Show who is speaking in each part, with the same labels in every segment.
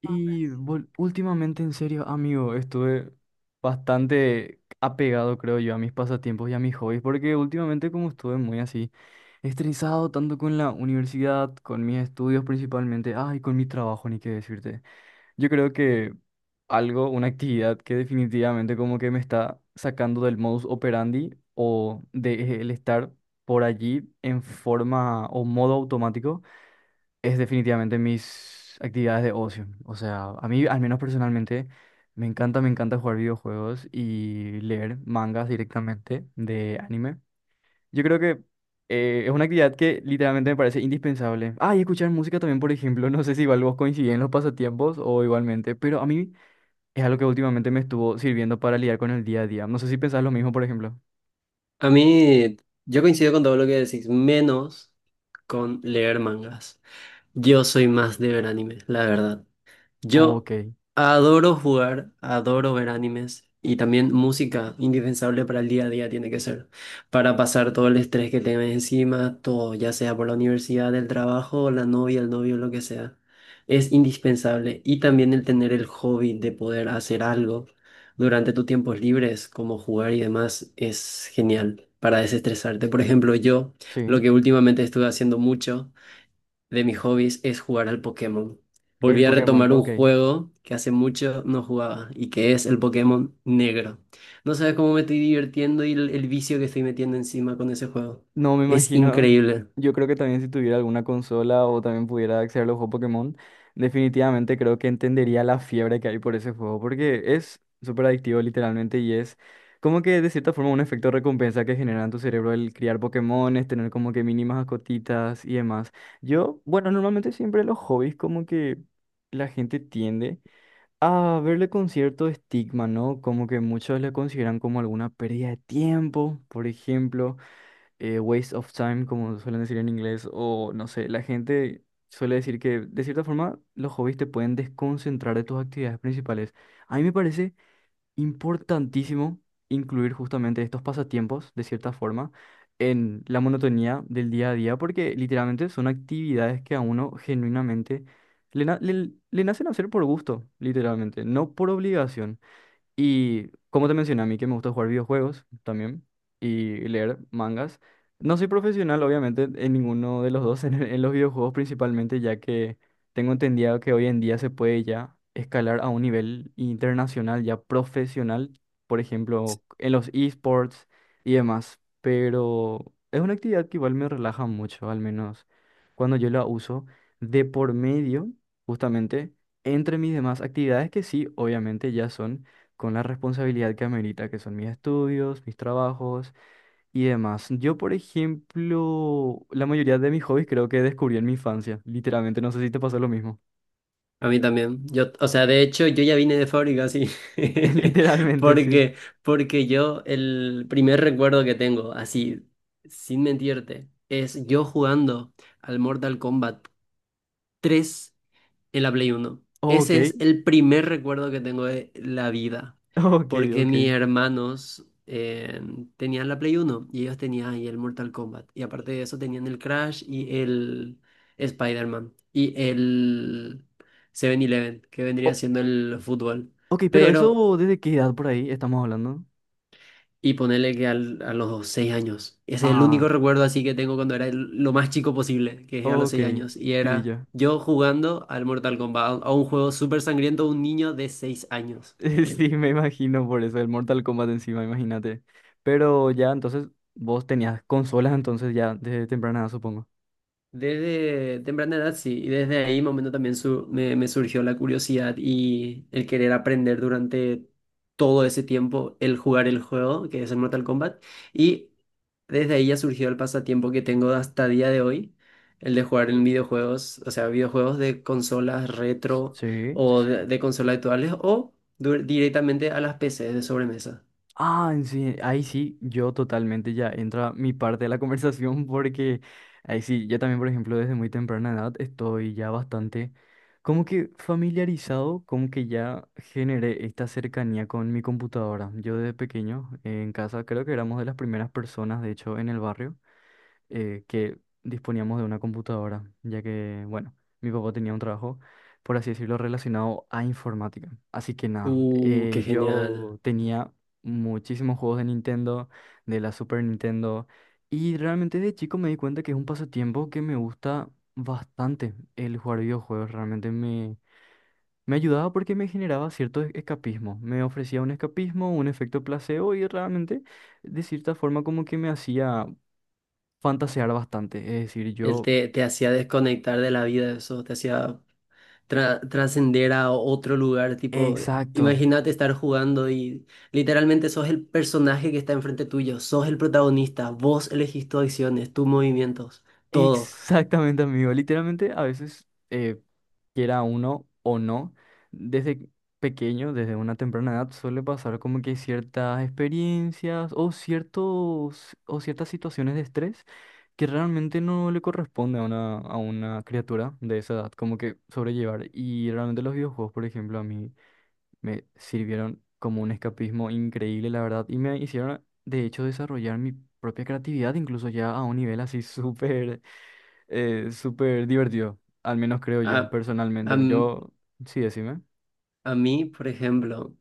Speaker 1: Últimamente, en serio, amigo, estuve bastante apegado, creo yo, a mis pasatiempos y a mis hobbies, porque últimamente como estuve muy así, estresado tanto con la universidad, con mis estudios principalmente, ay, con mi trabajo, ni qué decirte. Yo creo que algo, una actividad que definitivamente como que me está sacando del modus operandi o de el estar por allí en forma o modo automático es definitivamente mis actividades de ocio. O sea, a mí, al menos personalmente, me encanta jugar videojuegos y leer mangas directamente de anime. Yo creo que es una actividad que literalmente me parece indispensable. Ah, y escuchar música también, por ejemplo. No sé si igual vos coincidís en los pasatiempos o igualmente, pero a mí es algo que últimamente me estuvo sirviendo para lidiar con el día a día. No sé si pensás lo mismo, por ejemplo.
Speaker 2: A mí, yo coincido con todo lo que decís, menos con leer mangas. Yo soy más de ver animes, la verdad. Yo
Speaker 1: Ok,
Speaker 2: adoro jugar, adoro ver animes y también música, indispensable para el día a día tiene que ser, para pasar todo el estrés que tengas encima, todo, ya sea por la universidad, el trabajo, la novia, el novio, lo que sea. Es indispensable y también el tener el hobby de poder hacer algo durante tus tiempos libres, como jugar y demás, es genial para desestresarte. Por ejemplo, yo lo
Speaker 1: sí.
Speaker 2: que últimamente estuve haciendo mucho de mis hobbies es jugar al Pokémon.
Speaker 1: El
Speaker 2: Volví a
Speaker 1: Pokémon,
Speaker 2: retomar un
Speaker 1: ok.
Speaker 2: juego que hace mucho no jugaba y que es el Pokémon Negro. No sabes cómo me estoy divirtiendo y el vicio que estoy metiendo encima con ese juego.
Speaker 1: No me
Speaker 2: Es
Speaker 1: imagino.
Speaker 2: increíble.
Speaker 1: Yo creo que también si tuviera alguna consola o también pudiera acceder a los juegos Pokémon, definitivamente creo que entendería la fiebre que hay por ese juego, porque es súper adictivo literalmente y es como que de cierta forma un efecto recompensa que genera en tu cerebro el criar Pokémones, tener como que mínimas cotitas y demás. Yo, bueno, normalmente siempre los hobbies como que la gente tiende a verle con cierto estigma, ¿no? Como que muchos le consideran como alguna pérdida de tiempo, por ejemplo waste of time, como suelen decir en inglés, o no sé, la gente suele decir que de cierta forma los hobbies te pueden desconcentrar de tus actividades principales. A mí me parece importantísimo incluir justamente estos pasatiempos, de cierta forma, en la monotonía del día a día, porque literalmente son actividades que a uno genuinamente le, na- le le nacen hacer por gusto, literalmente, no por obligación. Y como te mencioné, a mí que me gusta jugar videojuegos también y leer mangas. No soy profesional, obviamente, en ninguno de los dos, en los videojuegos principalmente, ya que tengo entendido que hoy en día se puede ya escalar a un nivel internacional, ya profesional, por ejemplo, en los esports y demás. Pero es una actividad que igual me relaja mucho, al menos cuando yo la uso de por medio, justamente, entre mis demás actividades que sí, obviamente, ya son con la responsabilidad que amerita, que son mis estudios, mis trabajos y demás. Yo, por ejemplo, la mayoría de mis hobbies creo que descubrí en mi infancia, literalmente, no sé si te pasó lo mismo.
Speaker 2: A mí también. Yo, o sea, de hecho, yo ya vine de fábrica así.
Speaker 1: Literalmente, sí.
Speaker 2: Porque, porque yo el primer recuerdo que tengo, así, sin mentirte, es yo jugando al Mortal Kombat 3 en la Play Uno.
Speaker 1: Ok,
Speaker 2: Ese es el primer recuerdo que tengo de la vida,
Speaker 1: ok,
Speaker 2: porque
Speaker 1: ok.
Speaker 2: mis hermanos tenían la Play Uno y ellos tenían ahí el Mortal Kombat. Y aparte de eso tenían el Crash y el Spider-Man y el 7-Eleven, que vendría
Speaker 1: O-
Speaker 2: siendo el fútbol.
Speaker 1: ok, pero
Speaker 2: Pero
Speaker 1: eso, ¿desde qué edad por ahí estamos hablando?
Speaker 2: y ponerle que a los 6 años. Ese es el
Speaker 1: Ah,
Speaker 2: único recuerdo así que tengo cuando era lo más chico posible, que es a los
Speaker 1: ok,
Speaker 2: 6 años. Y era
Speaker 1: pilla.
Speaker 2: yo jugando al Mortal Kombat, a un juego súper sangriento, un niño de 6 años.
Speaker 1: Sí, me imagino por eso, el Mortal Kombat encima, imagínate. Pero ya, entonces, vos tenías consolas, entonces ya, desde temprana edad, supongo.
Speaker 2: Desde temprana edad, sí, y desde ahí momento también me surgió la curiosidad y el querer aprender durante todo ese tiempo el jugar el juego, que es el Mortal Kombat, y desde ahí ya surgió el pasatiempo que tengo hasta día de hoy, el de jugar en videojuegos, o sea, videojuegos de consolas retro
Speaker 1: Sí,
Speaker 2: o de,
Speaker 1: sí.
Speaker 2: de consolas actuales o directamente a las PCs de sobremesa.
Speaker 1: Ah, sí, ahí sí, yo totalmente ya entra mi parte de la conversación porque ahí sí, yo también, por ejemplo, desde muy temprana edad estoy ya bastante como que familiarizado, como que ya generé esta cercanía con mi computadora. Yo desde pequeño en casa creo que éramos de las primeras personas, de hecho, en el barrio que disponíamos de una computadora, ya que, bueno, mi papá tenía un trabajo, por así decirlo, relacionado a informática. Así que nada,
Speaker 2: Qué genial.
Speaker 1: yo tenía muchísimos juegos de Nintendo, de la Super Nintendo, y realmente de chico me di cuenta que es un pasatiempo que me gusta bastante el jugar videojuegos, realmente me... Me ayudaba porque me generaba cierto escapismo. Me ofrecía un escapismo, un efecto placebo y realmente de cierta forma como que me hacía fantasear bastante. Es decir,
Speaker 2: Él
Speaker 1: yo,
Speaker 2: te hacía desconectar de la vida, eso, te hacía trascender a otro lugar, tipo,
Speaker 1: exacto,
Speaker 2: imagínate estar jugando y literalmente sos el personaje que está enfrente tuyo, sos el protagonista, vos elegís tus acciones, tus movimientos, todo.
Speaker 1: exactamente, amigo. Literalmente, a veces, quiera uno o no, desde pequeño, desde una temprana edad, suele pasar como que ciertas experiencias o ciertos, o ciertas situaciones de estrés que realmente no le corresponde a a una criatura de esa edad, como que sobrellevar. Y realmente los videojuegos, por ejemplo, a mí. Me sirvieron como un escapismo increíble, la verdad, y me hicieron, de hecho, desarrollar mi propia creatividad, incluso ya a un nivel así súper, súper divertido, al menos creo
Speaker 2: A,
Speaker 1: yo,
Speaker 2: a,
Speaker 1: personalmente.
Speaker 2: m-
Speaker 1: Yo, sí, decime.
Speaker 2: a mí, por ejemplo,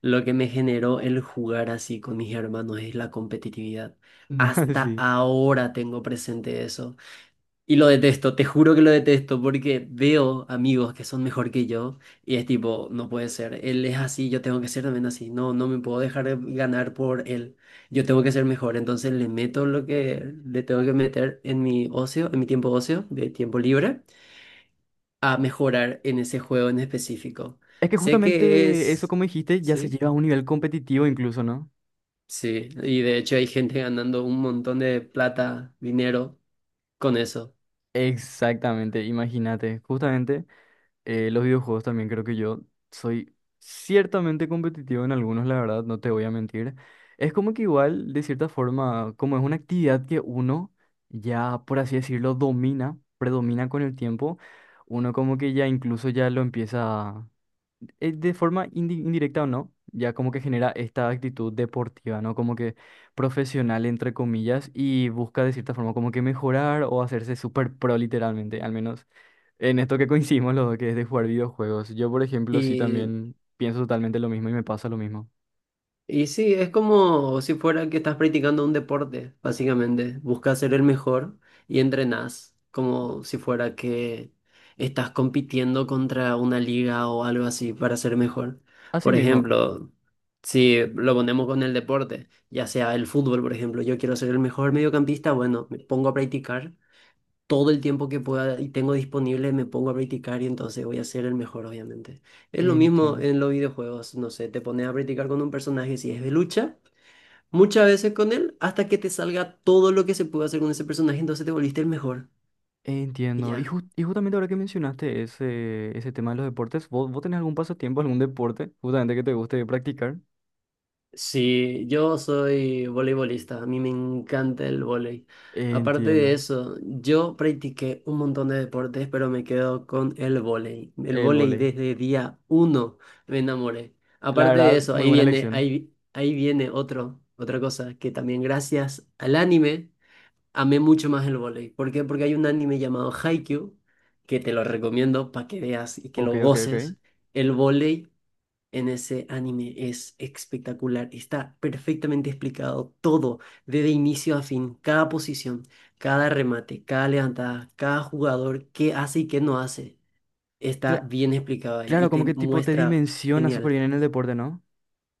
Speaker 2: lo que me generó el jugar así con mis hermanos es la competitividad. Hasta
Speaker 1: Sí.
Speaker 2: ahora tengo presente eso. Y lo detesto, te juro que lo detesto porque veo amigos que son mejor que yo y es tipo, no puede ser, él es así, yo tengo que ser también así, no, no me puedo dejar ganar por él, yo tengo que ser mejor, entonces le meto lo que le tengo que meter en mi ocio, en mi tiempo ocio, de tiempo libre, a mejorar en ese juego en específico.
Speaker 1: Es que
Speaker 2: Sé que
Speaker 1: justamente eso,
Speaker 2: es,
Speaker 1: como dijiste, ya se
Speaker 2: sí,
Speaker 1: lleva a un nivel competitivo incluso, ¿no?
Speaker 2: sí, y de hecho hay gente ganando un montón de plata, dinero con eso.
Speaker 1: Exactamente, imagínate, justamente. Los videojuegos también creo que yo soy ciertamente competitivo en algunos, la verdad, no te voy a mentir. Es como que igual, de cierta forma, como es una actividad que uno ya, por así decirlo, domina, predomina con el tiempo, uno como que ya incluso ya lo empieza, de forma indirecta o no, ya como que genera esta actitud deportiva, ¿no? Como que profesional, entre comillas, y busca de cierta forma como que mejorar o hacerse súper pro literalmente, al menos. En esto que coincidimos los dos, que es de jugar videojuegos. Yo, por ejemplo, sí
Speaker 2: y
Speaker 1: también pienso totalmente lo mismo y me pasa lo mismo.
Speaker 2: Y sí, es como si fuera que estás practicando un deporte, básicamente. Buscas ser el mejor y entrenás, como si fuera que estás compitiendo contra una liga o algo así para ser mejor.
Speaker 1: Así
Speaker 2: Por
Speaker 1: mismo.
Speaker 2: ejemplo, si lo ponemos con el deporte, ya sea el fútbol, por ejemplo, yo quiero ser el mejor mediocampista, bueno, me pongo a practicar todo el tiempo que pueda y tengo disponible me pongo a practicar y entonces voy a ser el mejor, obviamente. Es lo mismo
Speaker 1: Entiendo.
Speaker 2: en los videojuegos, no sé, te pones a practicar con un personaje si es de lucha, muchas veces con él, hasta que te salga todo lo que se puede hacer con ese personaje, entonces te volviste el mejor. Y
Speaker 1: Entiendo. Y,
Speaker 2: ya.
Speaker 1: justamente ahora que mencionaste ese tema de los deportes, ¿vos tenés algún pasatiempo, algún deporte justamente que te guste practicar?
Speaker 2: Sí, yo soy voleibolista, a mí me encanta el vóley. Aparte de
Speaker 1: Entiendo.
Speaker 2: eso, yo practiqué un montón de deportes, pero me quedo con el vóley. El
Speaker 1: El
Speaker 2: vóley
Speaker 1: vóley.
Speaker 2: desde día uno me enamoré.
Speaker 1: La
Speaker 2: Aparte de
Speaker 1: verdad,
Speaker 2: eso,
Speaker 1: muy
Speaker 2: ahí
Speaker 1: buena
Speaker 2: viene,
Speaker 1: elección.
Speaker 2: ahí viene otra cosa, que también gracias al anime amé mucho más el vóley. ¿Por qué? Porque hay un anime llamado Haikyuu, que te lo recomiendo para que veas y que
Speaker 1: Ok,
Speaker 2: lo
Speaker 1: ok, ok.
Speaker 2: goces. El vóley en ese anime es espectacular. Está perfectamente explicado todo, desde inicio a fin, cada posición, cada remate, cada levantada, cada jugador, qué hace y qué no hace. Está
Speaker 1: Cla-
Speaker 2: bien explicado ahí y
Speaker 1: claro, como
Speaker 2: te
Speaker 1: que tipo te
Speaker 2: muestra
Speaker 1: dimensiona súper
Speaker 2: genial.
Speaker 1: bien en el deporte, ¿no?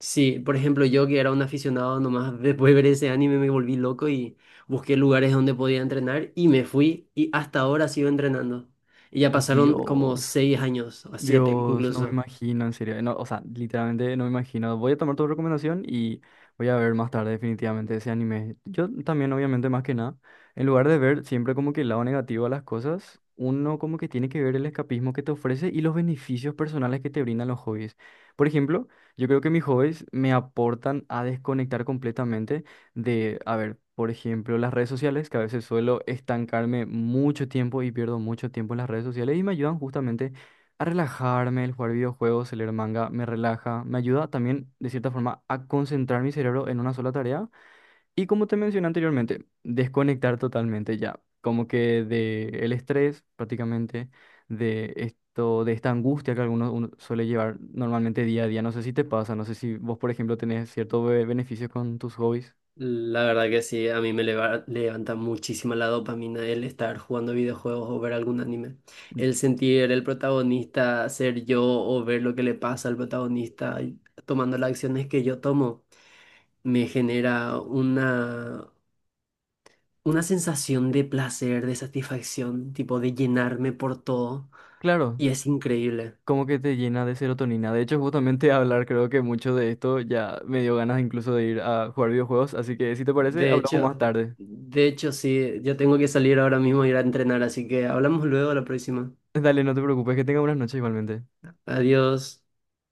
Speaker 2: Sí, por ejemplo, yo que era un aficionado nomás, después de ver ese anime me volví loco y busqué lugares donde podía entrenar y me fui y hasta ahora sigo entrenando. Y ya pasaron como
Speaker 1: Dios.
Speaker 2: 6 años, o 7
Speaker 1: Dios, no me
Speaker 2: incluso.
Speaker 1: imagino, en serio. No, o sea, literalmente no me imagino. Voy a tomar tu recomendación y voy a ver más tarde definitivamente ese anime. Yo también, obviamente, más que nada, en lugar de ver siempre como que el lado negativo a las cosas, uno como que tiene que ver el escapismo que te ofrece y los beneficios personales que te brindan los hobbies. Por ejemplo, yo creo que mis hobbies me aportan a desconectar completamente de, a ver, por ejemplo, las redes sociales, que a veces suelo estancarme mucho tiempo y pierdo mucho tiempo en las redes sociales y me ayudan justamente a relajarme, el jugar videojuegos, el leer manga, me relaja, me ayuda también de cierta forma a concentrar mi cerebro en una sola tarea y como te mencioné anteriormente, desconectar totalmente ya, como que de el estrés prácticamente, de esto, de esta angustia que algunos uno suele llevar normalmente día a día. No sé si te pasa, no sé si vos, por ejemplo, tenés ciertos beneficios con tus hobbies.
Speaker 2: La verdad que sí, a mí me levanta muchísima la dopamina el estar jugando videojuegos o ver algún anime. El sentir el protagonista ser yo o ver lo que le pasa al protagonista y tomando las acciones que yo tomo, me genera una sensación de placer, de satisfacción, tipo de llenarme por todo
Speaker 1: Claro,
Speaker 2: y es increíble.
Speaker 1: como que te llena de serotonina. De hecho, justamente hablar creo que mucho de esto ya me dio ganas incluso de ir a jugar videojuegos, así que si te parece,
Speaker 2: De
Speaker 1: hablamos
Speaker 2: hecho,
Speaker 1: más tarde.
Speaker 2: de hecho sí, yo tengo que salir ahora mismo a ir a entrenar, así que hablamos luego la próxima.
Speaker 1: Dale, no te preocupes, que tenga buenas noches igualmente.
Speaker 2: Adiós.